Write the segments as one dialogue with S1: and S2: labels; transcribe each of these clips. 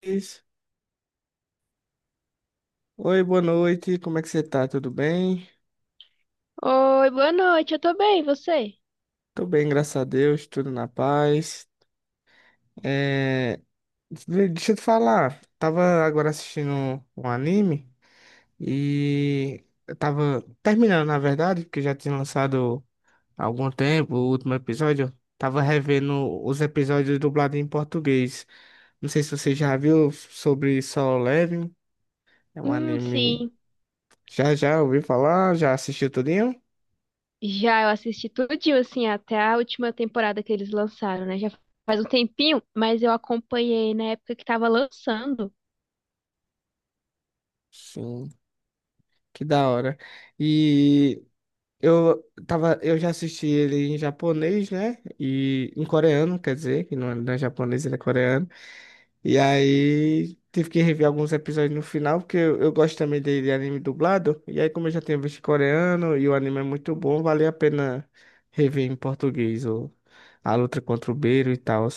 S1: Cris. Oi, boa noite. Como é que você tá? Tudo bem?
S2: Oi, boa noite, eu tô bem, e você?
S1: Tô bem, graças a Deus, tudo na paz. É, Deixa eu te falar, tava agora assistindo um anime e eu tava terminando, na verdade, porque já tinha lançado há algum tempo o último episódio. Tava revendo os episódios dublados em português. Não sei se você já viu sobre Solo Leveling. É um anime.
S2: Sim.
S1: Já ouviu falar? Já assistiu tudinho?
S2: Já eu assisti tudinho, assim, até a última temporada que eles lançaram, né? Já faz um tempinho, mas eu acompanhei na época que tava lançando.
S1: Sim. Que da hora. E eu já assisti ele em japonês, né? E em coreano, quer dizer, que não é japonês, ele é coreano. E aí tive que rever alguns episódios no final, porque eu gosto também de anime dublado. E aí, como eu já tinha visto coreano e o anime é muito bom, valia a pena rever em português a luta contra o Beiro e tal.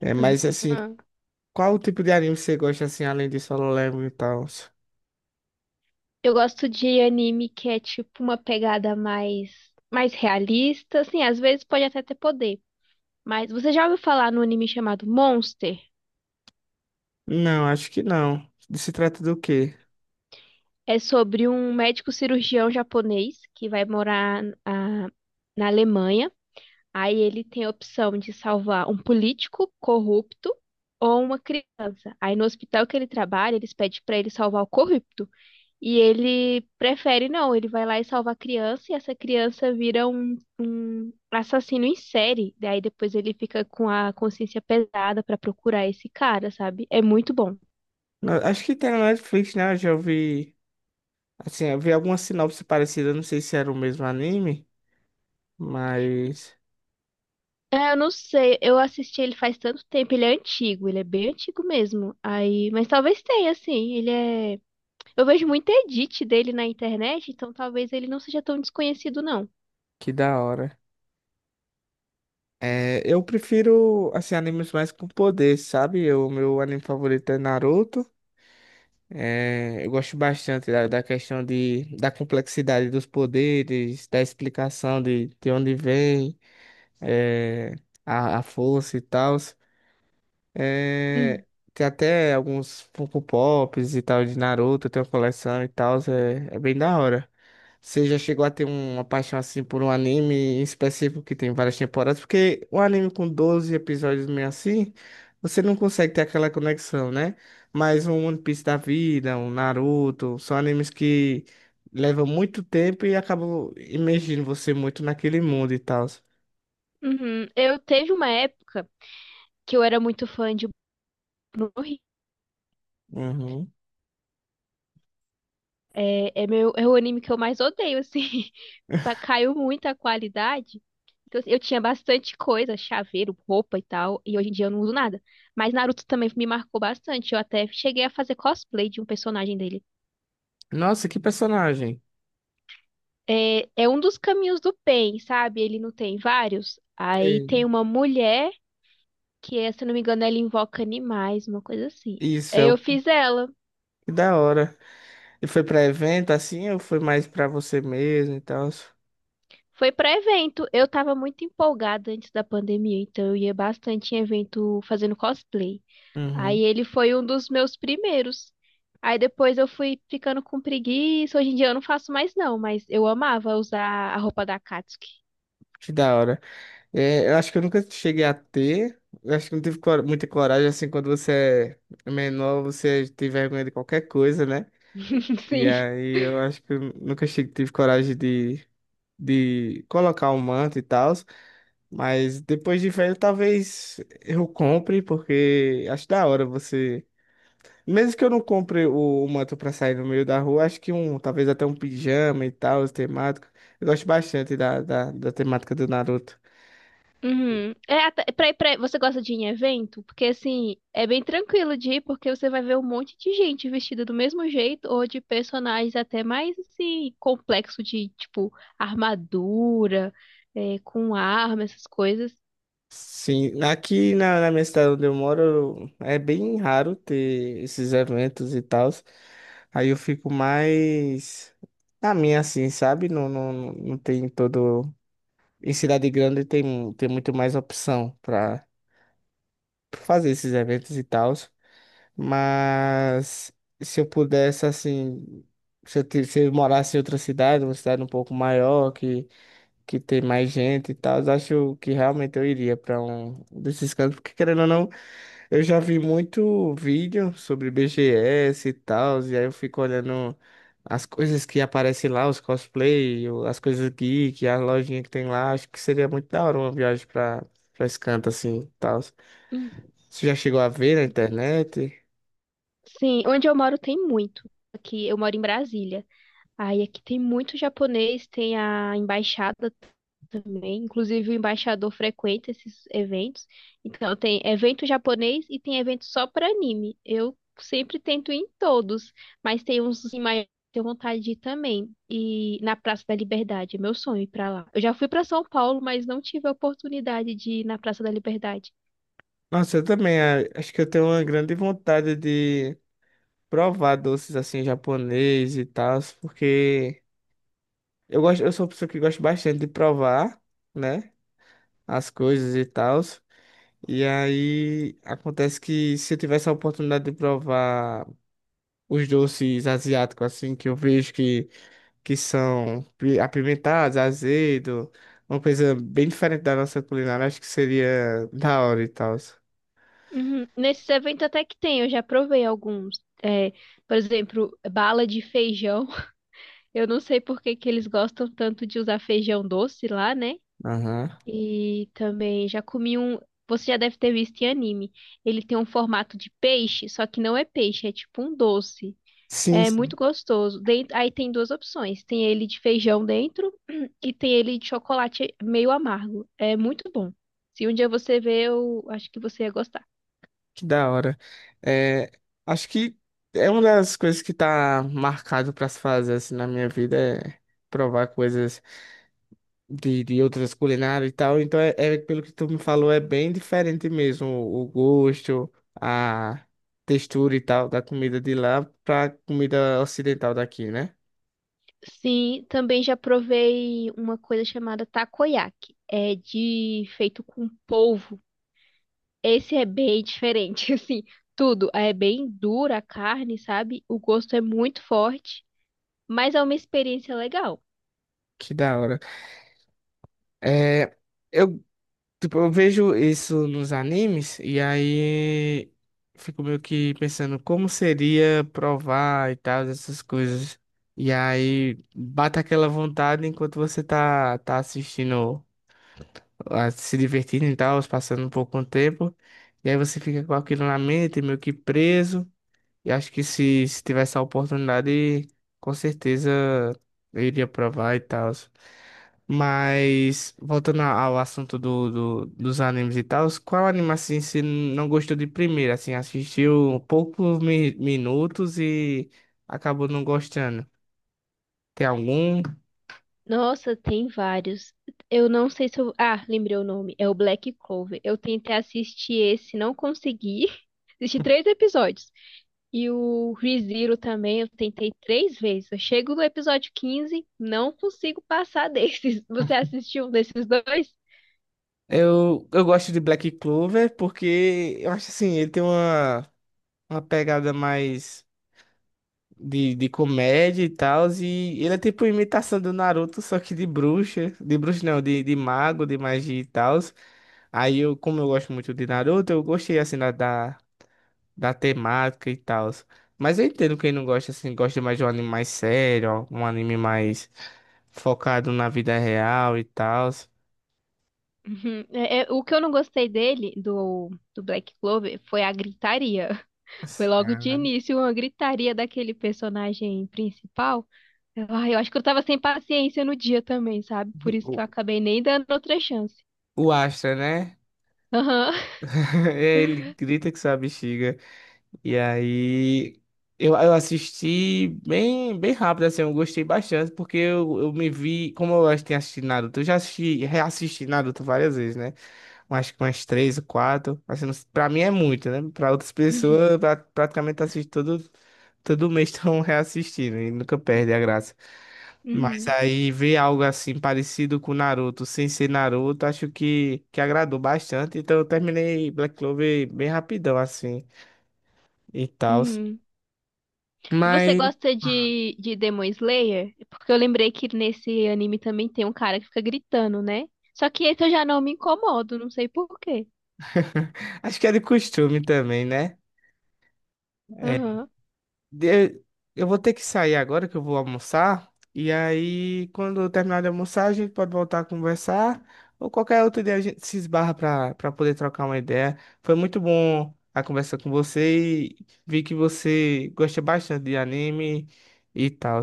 S1: Mas assim,
S2: Aham.
S1: qual o tipo de anime você gosta assim, além de Solo Leveling e tal?
S2: Eu gosto de anime que é tipo uma pegada mais realista, assim, às vezes pode até ter poder. Mas você já ouviu falar no anime chamado Monster?
S1: Não, acho que não. Se trata do quê?
S2: É sobre um médico cirurgião japonês que vai morar na Alemanha. Aí ele tem a opção de salvar um político corrupto ou uma criança. Aí no hospital que ele trabalha, eles pedem pra ele salvar o corrupto. E ele prefere não, ele vai lá e salva a criança e essa criança vira um assassino em série. Daí depois ele fica com a consciência pesada pra procurar esse cara, sabe? É muito bom.
S1: Não, acho que tem na Netflix, né? Eu já vi. Assim, eu vi alguma sinopse parecida, não sei se era o mesmo anime, mas.
S2: É, eu não sei, eu assisti ele faz tanto tempo, ele é antigo, ele é bem antigo mesmo. Aí, mas talvez tenha, assim, ele é. Eu vejo muito edit dele na internet, então talvez ele não seja tão desconhecido, não.
S1: Que da hora. Eu prefiro, assim, animes mais com poder, sabe? O meu anime favorito é Naruto. Eu gosto bastante da questão da complexidade dos poderes, da explicação de onde vem, é, a força e tal. É,
S2: Hum.
S1: tem até alguns Funko Pops e tal de Naruto, tem uma coleção e tal, é bem da hora. Você já chegou a ter uma paixão assim por um anime em específico que tem várias temporadas? Porque um anime com 12 episódios meio assim, você não consegue ter aquela conexão, né? Mas um One Piece da vida, um Naruto, são animes que levam muito tempo e acabam imergindo você muito naquele mundo e tal.
S2: Uhum. Eu teve uma época que eu era muito fã de Boku no Hero.
S1: Uhum.
S2: Meu, é o anime que eu mais odeio, assim. Caiu muito a qualidade. Então, assim, eu tinha bastante coisa, chaveiro, roupa e tal, e hoje em dia eu não uso nada. Mas Naruto também me marcou bastante. Eu até cheguei a fazer cosplay de um personagem dele.
S1: Nossa, que personagem!
S2: Um dos caminhos do Pain, sabe? Ele não tem vários. Aí
S1: É,
S2: tem uma mulher que é, se eu não me engano, ela invoca animais, uma coisa assim.
S1: Isso.
S2: Aí
S1: é
S2: eu
S1: o
S2: fiz ela.
S1: Que da hora. E foi pra evento assim ou foi mais pra você mesmo e tal?
S2: Foi para evento. Eu tava muito empolgada antes da pandemia, então eu ia bastante em evento fazendo cosplay. Aí
S1: Uhum.
S2: ele foi um dos meus primeiros. Aí depois eu fui ficando com preguiça. Hoje em dia eu não faço mais não, mas eu amava usar a roupa da Katsuki.
S1: Que da hora. Eu acho que eu nunca cheguei a ter. Eu acho que não tive muita coragem assim quando você é menor, você tem vergonha de qualquer coisa, né? E
S2: Sim.
S1: aí eu acho que eu nunca cheguei, tive coragem de colocar o manto e tal. Mas depois de velho, talvez eu compre, porque acho da hora você. Mesmo que eu não compre o manto pra sair no meio da rua, acho que talvez até um pijama e tal, os temáticos. Eu gosto bastante da temática do Naruto.
S2: Uhum. É, você gosta de ir em evento? Porque assim, é bem tranquilo de ir, porque você vai ver um monte de gente vestida do mesmo jeito, ou de personagens até mais assim, complexo de tipo armadura, é, com arma, essas coisas.
S1: Sim, aqui na minha cidade onde eu moro, é bem raro ter esses eventos e tal. Aí eu fico mais na minha, assim, sabe? Não, não, não tem todo. Em cidade grande tem muito mais opção pra fazer esses eventos e tal. Mas se eu pudesse, assim, se eu morasse em outra cidade, uma cidade um pouco maior, que tem mais gente e tal, eu acho que realmente eu iria para um desses cantos, porque querendo ou não, eu já vi muito vídeo sobre BGS e tal, e aí eu fico olhando as coisas que aparecem lá, os cosplay, as coisas geek, as lojinhas que tem lá, acho que seria muito da hora uma viagem para esse canto assim e tal.
S2: Hum.
S1: Você já chegou a ver na internet?
S2: Sim, onde eu moro tem muito. Aqui eu moro em Brasília. Aí aqui tem muito japonês, tem a embaixada também. Inclusive, o embaixador frequenta esses eventos. Então, tem evento japonês e tem evento só para anime. Eu sempre tento ir em todos, mas tem uns em maior que eu tenho vontade de ir também. E na Praça da Liberdade, é meu sonho ir para lá. Eu já fui para São Paulo, mas não tive a oportunidade de ir na Praça da Liberdade.
S1: Nossa, eu também acho que eu tenho uma grande vontade de provar doces assim japonês e tal, porque eu sou uma pessoa que gosta bastante de provar, né, as coisas e tal. E aí acontece que se eu tivesse a oportunidade de provar os doces asiáticos assim que eu vejo que são apimentados, azedo, uma coisa bem diferente da nossa culinária, acho que seria da hora e tal.
S2: Uhum. Nesses eventos até que tem, eu já provei alguns. É, por exemplo, bala de feijão. Eu não sei por que que eles gostam tanto de usar feijão doce lá, né?
S1: Aham.
S2: E também já comi um. Você já deve ter visto em anime. Ele tem um formato de peixe, só que não é peixe, é tipo um doce.
S1: Sim.
S2: É muito gostoso. Aí tem 2 opções: tem ele de feijão dentro e tem ele de chocolate meio amargo. É muito bom. Se um dia você ver, eu acho que você ia gostar.
S1: Que da hora. É, acho que é uma das coisas que tá marcado pra se fazer assim, na minha vida é provar coisas de outras culinárias e tal. Então, é pelo que tu me falou, é bem diferente mesmo o gosto, a textura e tal da comida de lá pra comida ocidental daqui, né?
S2: Sim, também já provei uma coisa chamada takoyaki. É de feito com polvo. Esse é bem diferente, assim, tudo. É bem dura a carne, sabe? O gosto é muito forte, mas é uma experiência legal.
S1: Que da hora. É, eu Tipo, eu vejo isso nos animes e aí fico meio que pensando como seria provar e tal, essas coisas. E aí bate aquela vontade enquanto você tá assistindo, ah, se divertindo e tal, passando um pouco o tempo. E aí você fica com aquilo na mente, meio que preso. E acho que se tivesse a oportunidade, com certeza eu iria provar e tal. Mas, voltando ao assunto dos animes e tal, qual anime assim você não gostou de primeira? Assim, assistiu poucos minutos e acabou não gostando? Tem algum?
S2: Nossa, tem vários. Eu não sei se eu. Ah, lembrei o nome. É o Black Clover. Eu tentei assistir esse, não consegui. Assisti 3 episódios. E o ReZero também, eu tentei 3 vezes. Eu chego no episódio 15, não consigo passar desses. Você assistiu um desses dois?
S1: Eu gosto de Black Clover porque eu acho assim, ele tem uma pegada mais, de comédia e tal. E ele é tipo imitação do Naruto, só que de bruxa. De bruxa não, de mago, de magia e tal. Aí eu, como eu gosto muito de Naruto, eu gostei assim da temática e tal. Mas eu entendo quem não gosta, assim, gosta mais de um anime mais sério, um anime mais focado na vida real e tal.
S2: Uhum. O que eu não gostei dele, do Black Clover, foi a gritaria. Foi logo de início uma gritaria daquele personagem principal. Ah, eu acho que eu tava sem paciência no dia também, sabe? Por isso que eu
S1: O,
S2: acabei nem dando outra chance.
S1: o Astra, né?
S2: Aham.
S1: Ele grita que sua bexiga. E aí eu assisti bem, bem rápido, assim, eu gostei bastante, porque eu me vi, como eu acho que tinha assistido Naruto, eu já assisti, reassisti Naruto várias vezes, né? Eu acho que umas três ou quatro. Assim, pra mim é muito, né? Pra outras
S2: Uhum.
S1: pessoas, eu praticamente assisto todo mês estão reassistindo e nunca perde a graça. Mas
S2: Uhum.
S1: aí ver algo assim parecido com Naruto, sem ser Naruto, acho que agradou bastante. Então eu terminei Black Clover bem rapidão, assim, e tal.
S2: Uhum. E você
S1: Mas
S2: gosta de Demon Slayer? Porque eu lembrei que nesse anime também tem um cara que fica gritando, né? Só que esse eu já não me incomodo, não sei por quê.
S1: acho que é de costume também, né? É.
S2: Aham.
S1: De- Eu vou ter que sair agora que eu vou almoçar. E aí, quando eu terminar de almoçar, a gente pode voltar a conversar. Ou qualquer outro dia a gente se esbarra para poder trocar uma ideia. Foi muito bom a conversa com você e vi que você gosta bastante de anime e tal.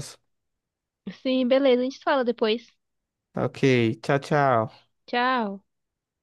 S2: Sim, beleza, a gente fala depois.
S1: Ok, tchau, tchau.
S2: Tchau.